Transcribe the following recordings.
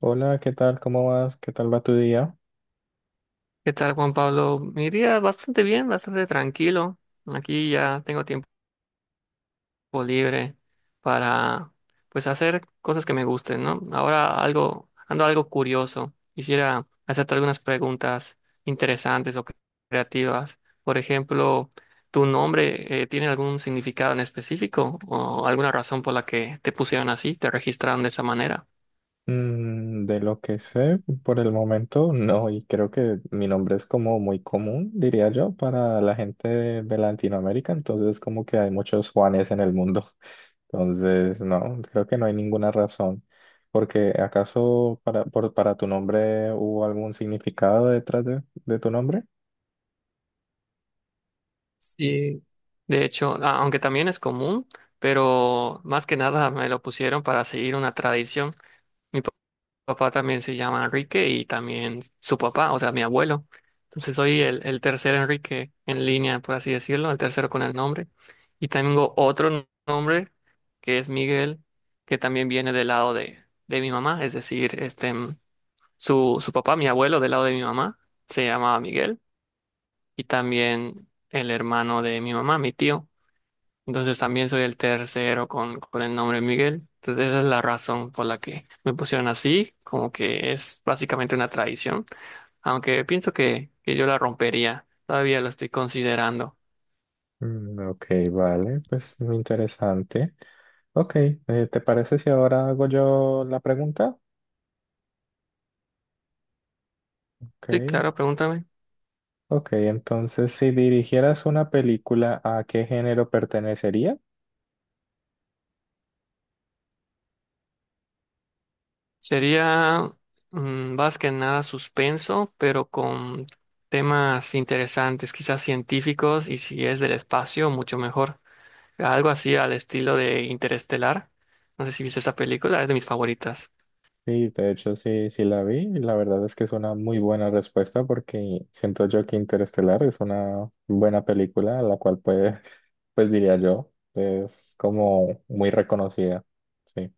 Hola, ¿qué tal? ¿Cómo vas? ¿Qué tal va tu día? ¿Qué tal, Juan Pablo? Mi día bastante bien, bastante tranquilo. Aquí ya tengo tiempo libre para, pues, hacer cosas que me gusten, ¿no? Ahora algo, ando algo curioso. Quisiera hacerte algunas preguntas interesantes o creativas. Por ejemplo, ¿tu nombre tiene algún significado en específico o alguna razón por la que te pusieron así, te registraron de esa manera? De lo que sé, por el momento no, y creo que mi nombre es como muy común, diría yo, para la gente de Latinoamérica, entonces como que hay muchos Juanes en el mundo. Entonces, no, creo que no hay ninguna razón, porque ¿acaso para tu nombre hubo algún significado detrás de tu nombre? Sí. De hecho, aunque también es común, pero más que nada me lo pusieron para seguir una tradición. Mi papá también se llama Enrique y también su papá, o sea, mi abuelo. Entonces soy el tercer Enrique en línea, por así decirlo, el tercero con el nombre. Y tengo otro nombre que es Miguel, que también viene del lado de mi mamá, es decir, su papá, mi abuelo del lado de mi mamá, se llamaba Miguel, y también el hermano de mi mamá, mi tío. Entonces también soy el tercero con el nombre Miguel. Entonces esa es la razón por la que me pusieron así, como que es básicamente una tradición, aunque pienso que yo la rompería, todavía lo estoy considerando. Mm, ok, vale, pues interesante. Ok, ¿te parece si ahora hago yo la pregunta? Sí, Ok, claro, pregúntame. ok, entonces si dirigieras una película, ¿a qué género pertenecería? Sería más que nada suspenso, pero con temas interesantes, quizás científicos, y si es del espacio, mucho mejor. Algo así al estilo de Interestelar. No sé si viste esa película, es de mis favoritas. Sí, de hecho sí, sí la vi y la verdad es que es una muy buena respuesta porque siento yo que Interestelar es una buena película, la cual puede, pues diría yo, es como muy reconocida. Sí.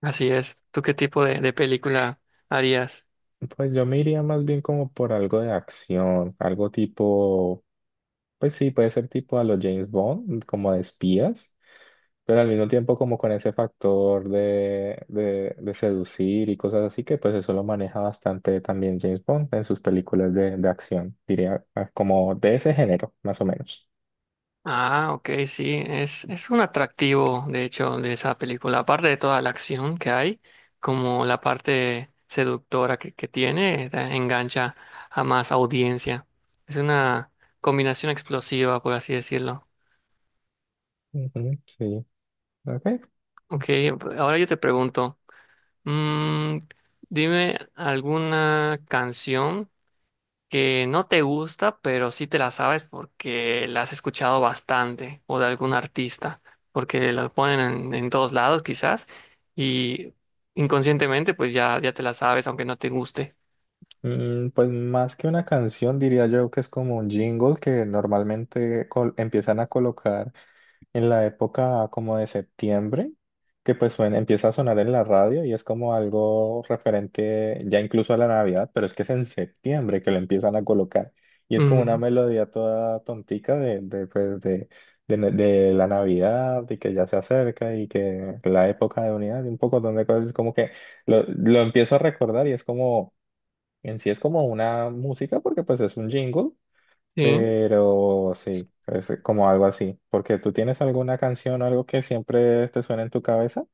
Así es. ¿Tú qué tipo de película harías? Pues yo me iría más bien como por algo de acción, algo tipo. Pues sí, puede ser tipo a los James Bond, como de espías, pero al mismo tiempo como con ese factor de seducir y cosas así, que pues eso lo maneja bastante también James Bond en sus películas de acción, diría, ah, como de ese género, más o menos. Ah, ok, sí, es un atractivo, de hecho, de esa película. Aparte de toda la acción que hay, como la parte seductora que tiene, engancha a más audiencia. Es una combinación explosiva, por así decirlo. Ujú, sí, ok. Ok, ahora yo te pregunto, mm, dime alguna canción que no te gusta, pero sí te la sabes porque la has escuchado bastante o de algún artista, porque la ponen en todos lados quizás, y inconscientemente pues ya te la sabes aunque no te guste. Mm, pues más que una canción, diría yo que es como un jingle que normalmente empiezan a colocar en la época como de septiembre, que empieza a sonar en la radio y es como algo referente ya incluso a la Navidad, pero es que es en septiembre que lo empiezan a colocar y es como una Mm, melodía toda tontica de, pues, de la Navidad y que ya se acerca y que la época de unidad y un poco de cosas, es como que lo empiezo a recordar y es como, en sí es como una música porque pues es un jingle sí, pero sí, es como algo así. Porque tú tienes alguna canción o algo que siempre te suena en tu cabeza.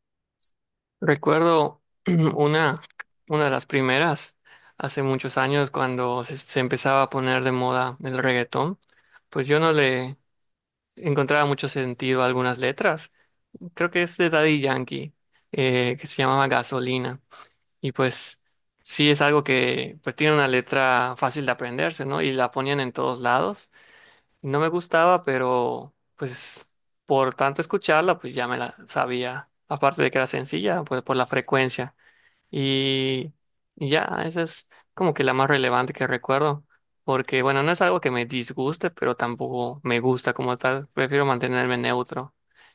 recuerdo una, una de las primeras hace muchos años cuando se empezaba a poner de moda el reggaetón, pues yo no le encontraba mucho sentido a algunas letras. Creo que es de Daddy Yankee, que se llamaba Gasolina. Y pues sí, es algo que pues tiene una letra fácil de aprenderse, ¿no? Y la ponían en todos lados. No me gustaba, pero pues por tanto escucharla, pues ya me la sabía. Aparte de que era sencilla, pues por la frecuencia. Y, y ya, esa es como que la más relevante que recuerdo. Porque bueno, no es algo que me disguste, pero tampoco me gusta como tal. Prefiero mantenerme neutro.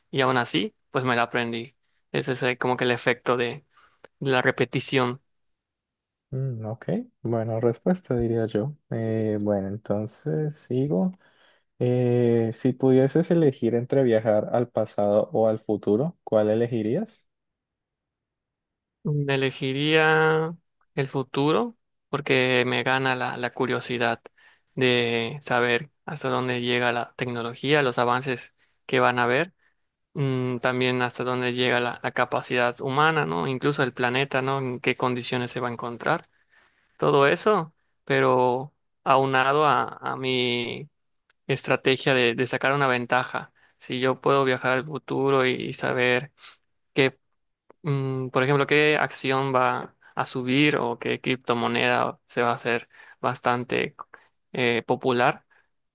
Y aún así, pues me la aprendí. Ese es como que el efecto de la repetición. Mm, ok, bueno, respuesta diría yo. Bueno, entonces sigo. Si pudieses elegir entre viajar al pasado o al futuro, ¿cuál elegirías? Mm, elegiría el futuro porque me gana la curiosidad de saber hasta dónde llega la tecnología, los avances que van a haber, también hasta dónde llega la capacidad humana, ¿no? Incluso el planeta, ¿no? En qué condiciones se va a encontrar, todo eso, pero aunado a mi estrategia de sacar una ventaja. Si yo puedo viajar al futuro y saber... qué... por ejemplo, ¿qué acción va a subir o qué criptomoneda se va a hacer bastante popular?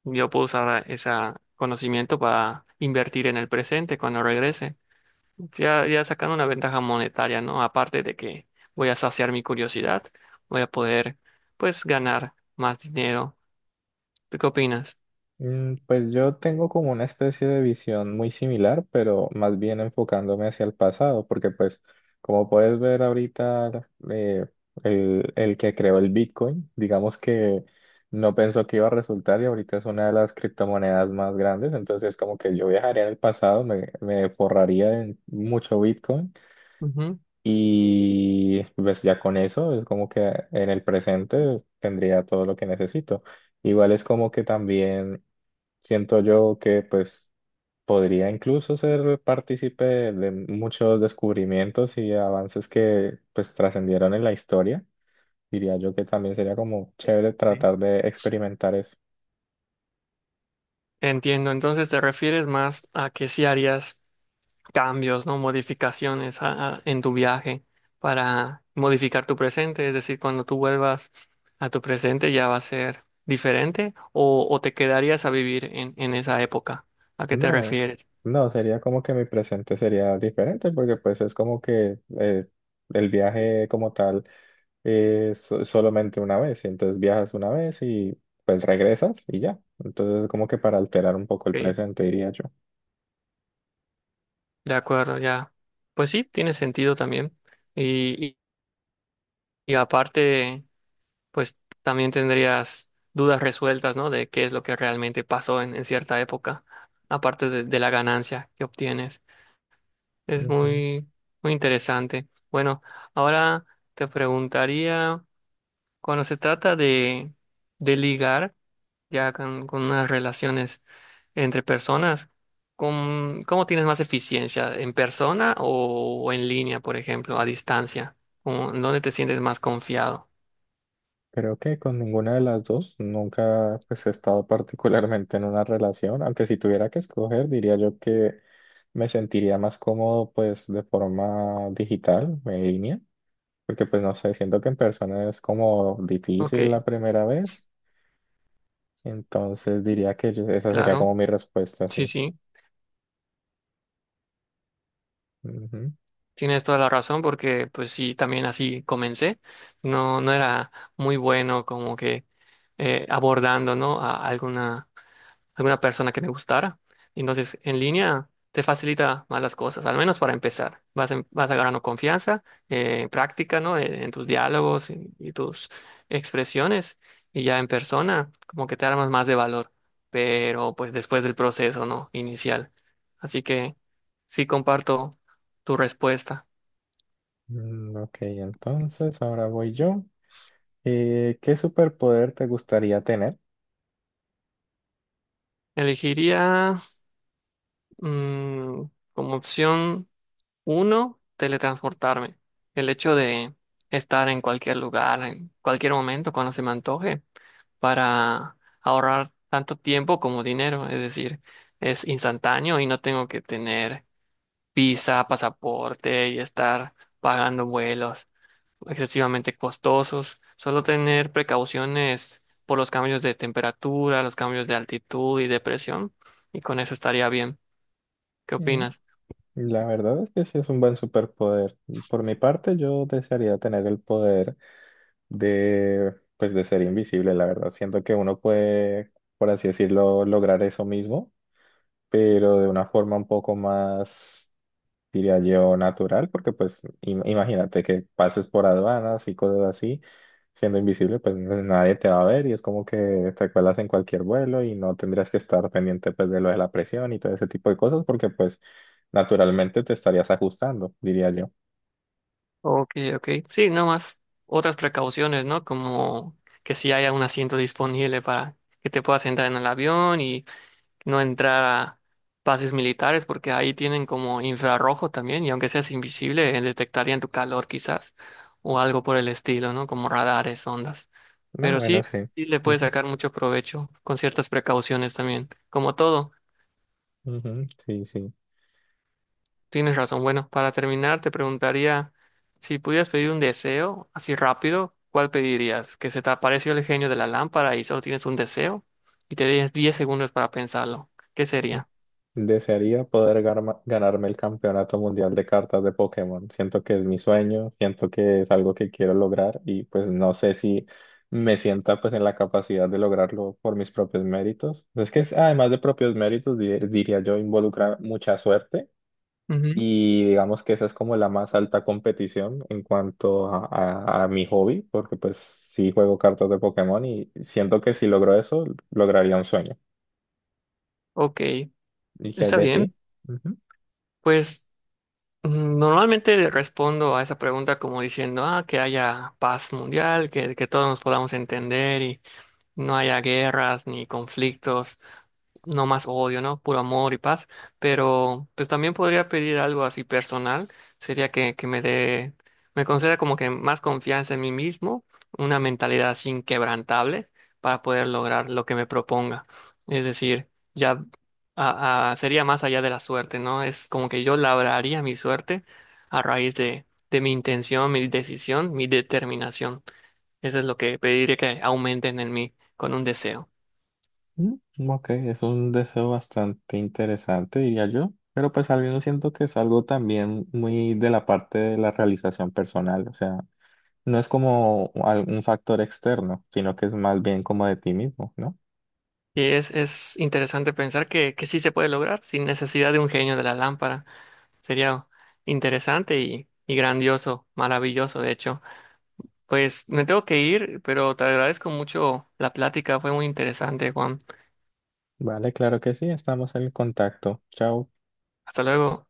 Yo puedo usar ese conocimiento para invertir en el presente cuando regrese. Ya sacando una ventaja monetaria, ¿no? Aparte de que voy a saciar mi curiosidad, voy a poder, pues, ganar más dinero. ¿Tú qué opinas? Pues yo tengo como una especie de visión muy similar, pero más bien enfocándome hacia el pasado, porque pues como puedes ver ahorita, el que creó el Bitcoin, digamos que no pensó que iba a resultar y ahorita es una de las criptomonedas más grandes, entonces como que yo viajaría en el pasado, me forraría en mucho Bitcoin Ujú. y pues ya con eso es como que en el presente tendría todo lo que necesito. Igual es como que también siento yo que pues podría incluso ser partícipe de muchos descubrimientos y avances que pues trascendieron en la historia. Diría yo que también sería como chévere Sí. tratar de experimentar eso. Entiendo, entonces te refieres más a que si harías cambios, ¿no? Modificaciones en tu viaje para modificar tu presente. Es decir, cuando tú vuelvas a tu presente ya va a ser diferente, o te quedarías a vivir en esa época. ¿A qué te No, refieres? no, sería como que mi presente sería diferente porque pues es como que el viaje como tal es solamente una vez, entonces viajas una vez y pues regresas y ya. Entonces es como que para alterar un poco el Ok, presente, diría yo. de acuerdo, ya. Pues sí, tiene sentido también. Y, y- y aparte, pues también tendrías dudas resueltas, ¿no? De qué es lo que realmente pasó en cierta época, aparte de la ganancia que obtienes. Es Ujú. muy, muy interesante. Bueno, ahora te preguntaría, cuando se trata de ligar ya con unas relaciones entre personas, ¿cómo, cómo tienes más eficiencia? ¿En persona o en línea, por ejemplo, a distancia? ¿Dónde te sientes más confiado? Creo que con ninguna de las dos nunca pues, he estado particularmente en una relación, aunque si tuviera que escoger diría yo que me sentiría más cómodo pues de forma digital, en línea, porque pues no sé, siento que en persona es como difícil la Ok, primera vez, entonces diría que esa sería claro, como mi respuesta, sí, sí. sí. Ujú. Tienes toda la razón porque pues sí, también así comencé. No era muy bueno como que abordando, ¿no? A alguna persona que me gustara. Entonces, en línea te facilita más las cosas, al menos para empezar. Vas, vas agarrando confianza, práctica, ¿no? En tus diálogos y tus expresiones, y ya en persona, como que te armas más de valor, pero pues después del proceso, ¿no? Inicial. Así que sí comparto tu respuesta. Mm, ok, entonces ahora voy yo. ¿Qué superpoder te gustaría tener? Elegiría, mm, como opción uno, teletransportarme. El hecho de estar en cualquier lugar, en cualquier momento, cuando se me antoje, para ahorrar tanto tiempo como dinero. Es decir, es instantáneo y no tengo que tener visa, pasaporte y estar pagando vuelos excesivamente costosos. Solo tener precauciones por los cambios de temperatura, los cambios de altitud y de presión. Y con eso estaría bien. ¿Qué Mm. opinas? La verdad es que sí es un buen superpoder. Por mi parte, yo desearía tener el poder de, pues, de ser invisible, la verdad. Siento que uno puede, por así decirlo, lograr eso mismo, pero de una forma un poco más, diría yo, natural, porque pues imagínate que pases por aduanas y cosas así, siendo invisible, pues nadie te va a ver y es como que te cuelas en cualquier vuelo y no tendrías que estar pendiente pues de lo de la presión y todo ese tipo de cosas, porque pues naturalmente te estarías ajustando, diría yo. Ok, ok. Sí, nomás otras precauciones, ¿no? Como que si haya un asiento disponible para que te puedas entrar en el avión y no entrar a bases militares, porque ahí tienen como infrarrojo también, y aunque seas invisible, detectarían tu calor quizás, o algo por el estilo, ¿no? Como radares, ondas. No, Pero bueno, sí, sí. sí le puedes Ujú, sacar mucho provecho con ciertas precauciones también, como todo. ujú, sí, sí. Tienes razón. Bueno, para terminar, te preguntaría si pudieras pedir un deseo así rápido, ¿cuál pedirías? ¿Que se te apareció el genio de la lámpara y solo tienes un deseo? Y te tienes 10 segundos para pensarlo. ¿Qué sería? Desearía poder ganarme el campeonato mundial de cartas de Pokémon. Siento que es mi sueño, siento que es algo que quiero lograr y pues no sé si me sienta pues en la capacidad de lograrlo por mis propios méritos. Es que además de propios méritos, diría yo, involucra mucha suerte Ujú. y digamos que esa es como la más alta competición en cuanto a, a mi hobby, porque pues sí juego cartas de Pokémon y siento que si logro eso, lograría un sueño. Ok, ¿Y qué hay está de bien. ti? Pues, normalmente respondo a esa pregunta como diciendo, ah, que haya paz mundial, que todos nos podamos entender y no haya guerras ni conflictos. No más odio, ¿no? Puro amor y paz. Pero pues también podría pedir algo así personal. Sería que me dé, me conceda como que más confianza en mí mismo, una mentalidad así inquebrantable para poder lograr lo que me proponga. Es decir, ya sería más allá de la suerte, ¿no? Es como que yo labraría mi suerte a raíz de mi intención, mi decisión, mi determinación. Eso es lo que pediría que aumenten en mí con un deseo. Mm, ok, es un deseo bastante interesante, diría yo, pero pues al menos siento que es algo también muy de la parte de la realización personal, o sea, no es como un factor externo, sino que es más bien como de ti mismo, ¿no? Es interesante pensar que sí se puede lograr sin necesidad de un genio de la lámpara. Sería interesante y grandioso, maravilloso, de hecho. Pues me tengo que ir, pero te agradezco mucho la plática, fue muy interesante, Juan. Vale, claro que sí, estamos en contacto. Chao. Hasta luego.